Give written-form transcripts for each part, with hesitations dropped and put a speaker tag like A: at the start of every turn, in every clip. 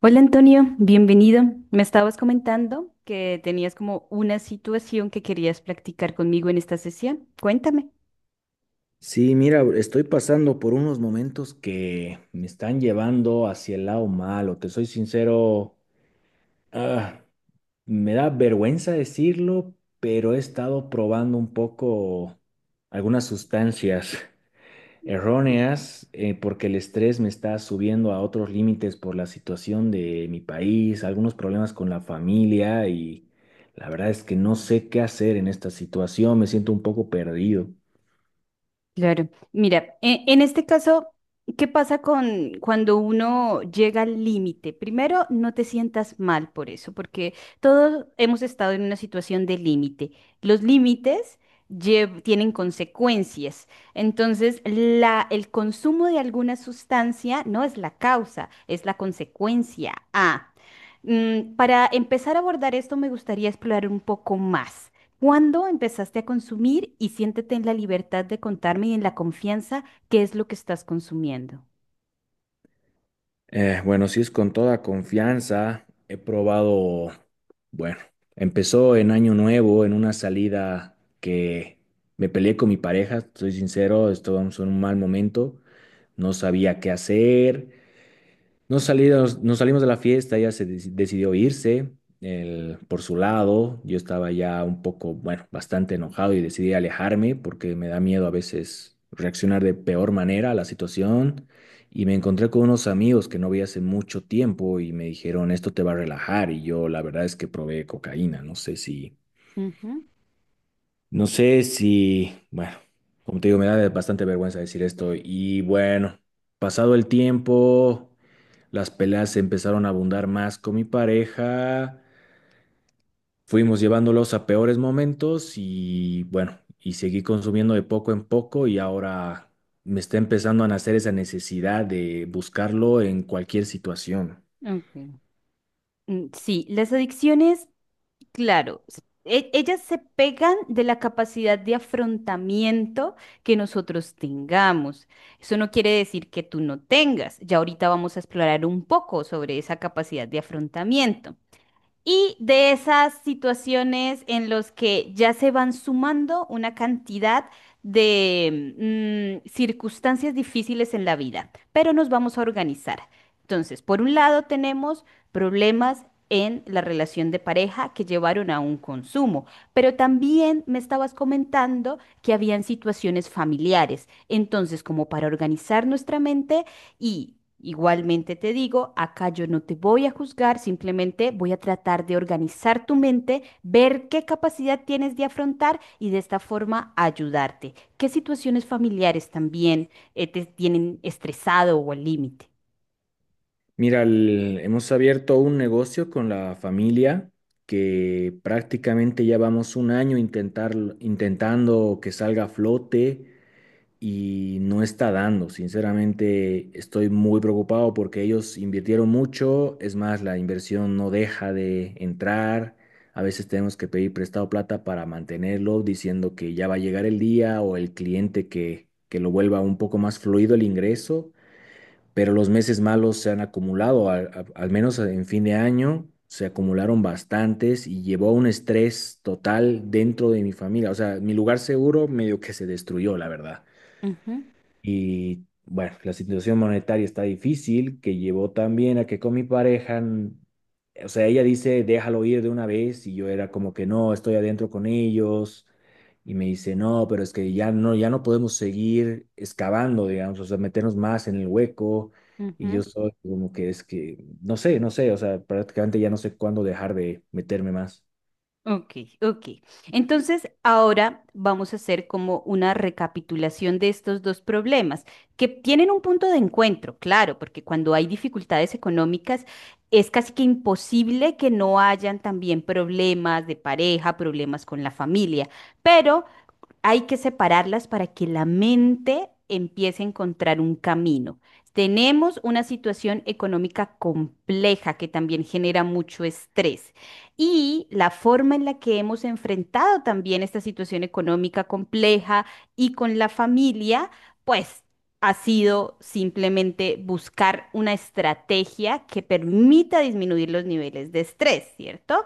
A: Hola Antonio, bienvenido. Me estabas comentando que tenías como una situación que querías practicar conmigo en esta sesión. Cuéntame.
B: Sí, mira, estoy pasando por unos momentos que me están llevando hacia el lado malo. Te soy sincero, ah, me da vergüenza decirlo, pero he estado probando un poco algunas sustancias erróneas porque el estrés me está subiendo a otros límites por la situación de mi país, algunos problemas con la familia y la verdad es que no sé qué hacer en esta situación. Me siento un poco perdido.
A: Claro. Mira, en este caso, ¿qué pasa con cuando uno llega al límite? Primero, no te sientas mal por eso, porque todos hemos estado en una situación de límite. Los límites tienen consecuencias. Entonces, el consumo de alguna sustancia no es la causa, es la consecuencia. Para empezar a abordar esto, me gustaría explorar un poco más. ¿Cuándo empezaste a consumir y siéntete en la libertad de contarme y en la confianza qué es lo que estás consumiendo?
B: Bueno, sí es con toda confianza. He probado, bueno, empezó en Año Nuevo, en una salida que me peleé con mi pareja, soy sincero, estábamos en un mal momento, no sabía qué hacer, nos salimos de la fiesta, decidió irse él, por su lado. Yo estaba ya un poco, bueno, bastante enojado y decidí alejarme porque me da miedo a veces reaccionar de peor manera a la situación. Y me encontré con unos amigos que no vi hace mucho tiempo y me dijeron, esto te va a relajar. Y yo la verdad es que probé cocaína. No sé si,
A: Ujú,
B: no sé si, Bueno, como te digo, me da bastante vergüenza decir esto. Y bueno, pasado el tiempo. Las peleas empezaron a abundar más con mi pareja, fuimos llevándolos a peores momentos y bueno, y seguí consumiendo de poco en poco y ahora me está empezando a nacer esa necesidad de buscarlo en cualquier situación.
A: ok. Sí, las adicciones, claro, ellas se pegan de la capacidad de afrontamiento que nosotros tengamos. Eso no quiere decir que tú no tengas. Ya ahorita vamos a explorar un poco sobre esa capacidad de afrontamiento. Y de esas situaciones en los que ya se van sumando una cantidad de circunstancias difíciles en la vida, pero nos vamos a organizar. Entonces, por un lado tenemos problemas en la relación de pareja que llevaron a un consumo, pero también me estabas comentando que habían situaciones familiares. Entonces, como para organizar nuestra mente, y igualmente te digo, acá yo no te voy a juzgar, simplemente voy a tratar de organizar tu mente, ver qué capacidad tienes de afrontar y de esta forma ayudarte. ¿Qué situaciones familiares también te tienen estresado o al límite?
B: Mira, hemos abierto un negocio con la familia que prácticamente ya vamos un año intentando que salga a flote y no está dando. Sinceramente, estoy muy preocupado porque ellos invirtieron mucho, es más, la inversión no deja de entrar. A veces tenemos que pedir prestado plata para mantenerlo, diciendo que ya va a llegar el día o el cliente que lo vuelva un poco más fluido el ingreso, pero los meses malos se han acumulado, al menos en fin de año. Se acumularon bastantes y llevó a un estrés total dentro de mi familia. O sea, mi lugar seguro medio que se destruyó, la verdad.
A: Ujú,
B: Y bueno, la situación monetaria está difícil, que llevó también a que con mi pareja, o sea, ella dice, déjalo ir de una vez, y yo era como que no, estoy adentro con ellos, y me dice, no, pero es que ya no podemos seguir excavando, digamos, o sea, meternos más en el hueco, y yo
A: ujú.
B: soy como que es que, no sé, o sea, prácticamente ya no sé cuándo dejar de meterme más.
A: Ok, ok. Entonces, ahora vamos a hacer como una recapitulación de estos dos problemas, que tienen un punto de encuentro, claro, porque cuando hay dificultades económicas es casi que imposible que no hayan también problemas de pareja, problemas con la familia, pero hay que separarlas para que la mente empiece a encontrar un camino. Tenemos una situación económica compleja que también genera mucho estrés y la forma en la que hemos enfrentado también esta situación económica compleja y con la familia, pues ha sido simplemente buscar una estrategia que permita disminuir los niveles de estrés, ¿cierto?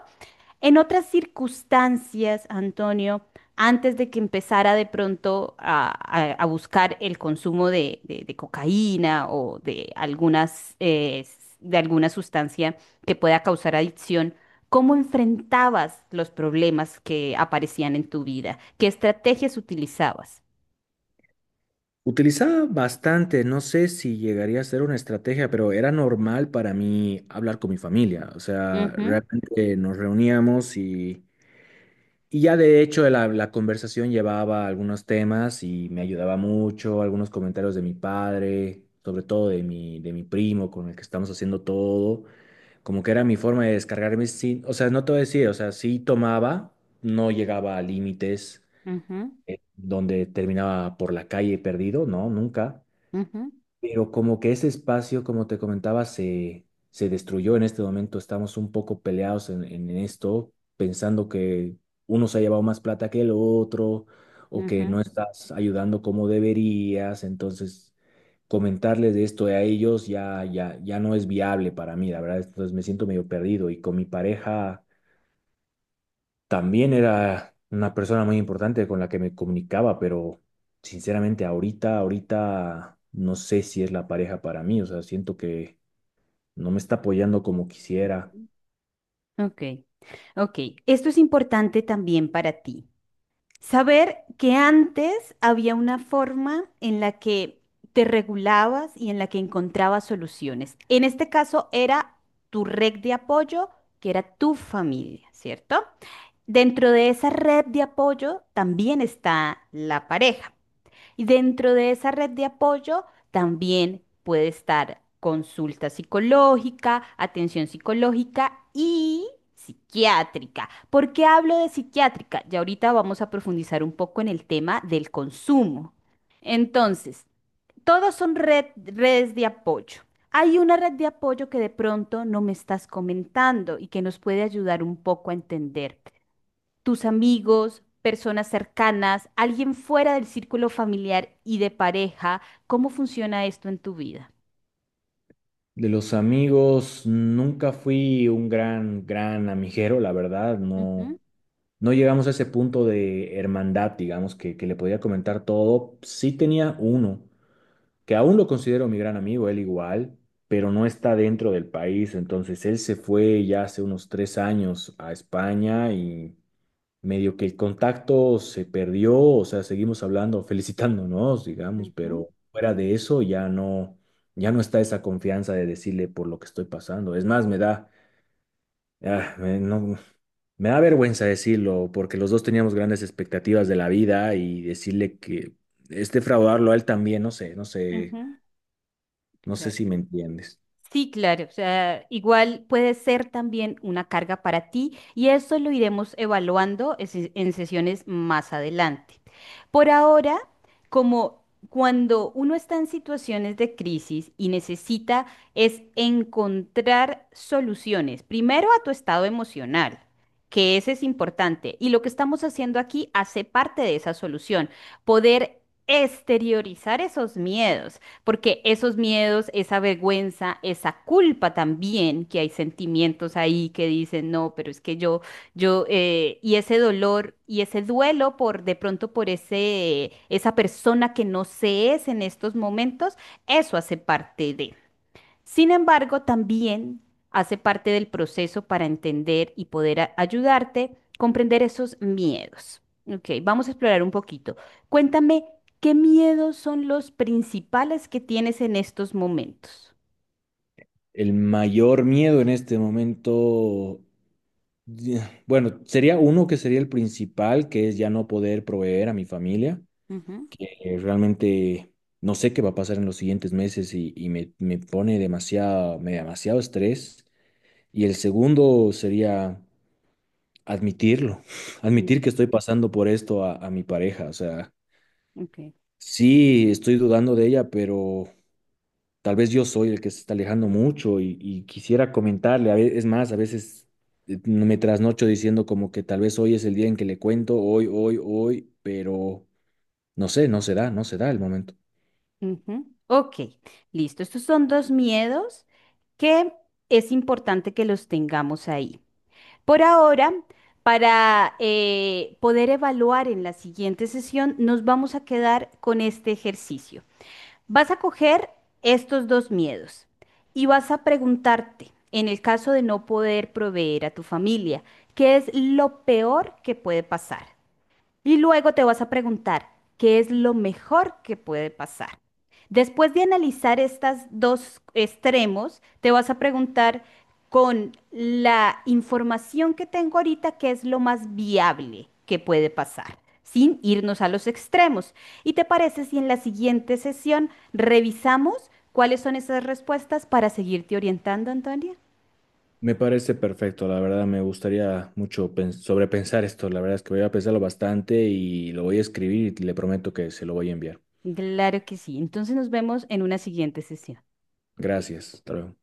A: En otras circunstancias, Antonio, antes de que empezara de pronto a, a buscar el consumo de, de cocaína o de algunas, de alguna sustancia que pueda causar adicción, ¿cómo enfrentabas los problemas que aparecían en tu vida? ¿Qué estrategias utilizabas?
B: Utilizaba bastante, no sé si llegaría a ser una estrategia, pero era normal para mí hablar con mi familia. O sea,
A: Ujú,
B: realmente nos reuníamos y ya de hecho la conversación llevaba algunos temas y me ayudaba mucho, algunos comentarios de mi padre, sobre todo de mi primo con el que estamos haciendo todo. Como que era mi forma de descargarme sin, o sea, no te voy a decir, o sea, sí tomaba, no llegaba a límites
A: ujú,
B: donde terminaba por la calle perdido, no, nunca,
A: ujú,
B: pero como que ese espacio, como te comentaba, se destruyó en este momento. Estamos un poco peleados en esto, pensando que uno se ha llevado más plata que el otro o que
A: ujú.
B: no estás ayudando como deberías. Entonces, comentarles de esto a ellos ya no es viable para mí, la verdad. Entonces me siento medio perdido y con mi pareja. También era una persona muy importante con la que me comunicaba, pero sinceramente ahorita no sé si es la pareja para mí, o sea, siento que no me está apoyando como quisiera.
A: Ok, ok. Esto es importante también para ti. Saber que antes había una forma en la que te regulabas y en la que encontrabas soluciones. En este caso era tu red de apoyo, que era tu familia, ¿cierto? Dentro de esa red de apoyo también está la pareja. Y dentro de esa red de apoyo también puede estar consulta psicológica, atención psicológica y psiquiátrica. ¿Por qué hablo de psiquiátrica? Ya ahorita vamos a profundizar un poco en el tema del consumo. Entonces, todos son redes de apoyo. Hay una red de apoyo que de pronto no me estás comentando y que nos puede ayudar un poco a entender tus amigos, personas cercanas, alguien fuera del círculo familiar y de pareja, ¿cómo funciona esto en tu vida?
B: De los amigos, nunca fui un gran amiguero, la verdad, no,
A: Ujú,
B: no llegamos a ese punto de hermandad, digamos, que le podía comentar todo. Sí tenía uno que aún lo considero mi gran amigo, él igual, pero no está dentro del país. Entonces él se fue ya hace unos 3 años a España y medio que el contacto se perdió, o sea, seguimos hablando, felicitándonos, digamos,
A: ujú,
B: pero fuera de eso ya no, ya no está esa confianza de decirle por lo que estoy pasando. Es más, me da, ah, me- no, me da vergüenza decirlo, porque los dos teníamos grandes expectativas de la vida y decirle que este fraudarlo a él también, no sé, no sé.
A: ujú.
B: No sé
A: Claro.
B: si me entiendes.
A: Sí, claro, o sea, igual puede ser también una carga para ti y eso lo iremos evaluando en en sesiones más adelante. Por ahora, como cuando uno está en situaciones de crisis y necesita es encontrar soluciones, primero a tu estado emocional, que ese es importante y lo que estamos haciendo aquí hace parte de esa solución, poder exteriorizar esos miedos porque esos miedos, esa vergüenza, esa culpa también, que hay sentimientos ahí que dicen, no, pero es que yo, y ese dolor y ese duelo por de pronto por esa persona que no se es en estos momentos, eso hace parte de. Sin embargo, también hace parte del proceso para entender y poder ayudarte comprender esos miedos. Ok, vamos a explorar un poquito. Cuéntame, ¿qué miedos son los principales que tienes en estos momentos?
B: El mayor miedo en este momento, ya, bueno, sería uno que sería el principal, que es ya no poder proveer a mi familia.
A: Ujú.
B: Realmente no sé qué va a pasar en los siguientes meses y me pone demasiado, me da demasiado estrés. Y el segundo sería admitirlo,
A: Mm,
B: admitir que estoy pasando por esto a mi pareja. O sea,
A: Ok,
B: sí, estoy dudando de ella, pero tal vez yo soy el que se está alejando mucho y quisiera comentarle. Es más, a veces no, me trasnocho diciendo como que tal vez hoy es el día en que le cuento, hoy, hoy, hoy, pero no sé, no se da el momento.
A: ujú, ok, listo. Estos son dos miedos que es importante que los tengamos ahí. Por ahora, para poder evaluar en la siguiente sesión, nos vamos a quedar con este ejercicio. Vas a coger estos dos miedos y vas a preguntarte, en el caso de no poder proveer a tu familia, ¿qué es lo peor que puede pasar? Y luego te vas a preguntar, ¿qué es lo mejor que puede pasar? Después de analizar estos dos extremos, te vas a preguntar con la información que tengo ahorita, ¿qué es lo más viable que puede pasar? Sin irnos a los extremos. ¿Y te parece si en la siguiente sesión revisamos cuáles son esas respuestas para seguirte orientando, Antonia?
B: Me parece perfecto, la verdad me gustaría mucho sobrepensar esto. La verdad es que voy a pensarlo bastante y lo voy a escribir y le prometo que se lo voy a enviar.
A: Claro que sí. Entonces nos vemos en una siguiente sesión.
B: Gracias, hasta luego.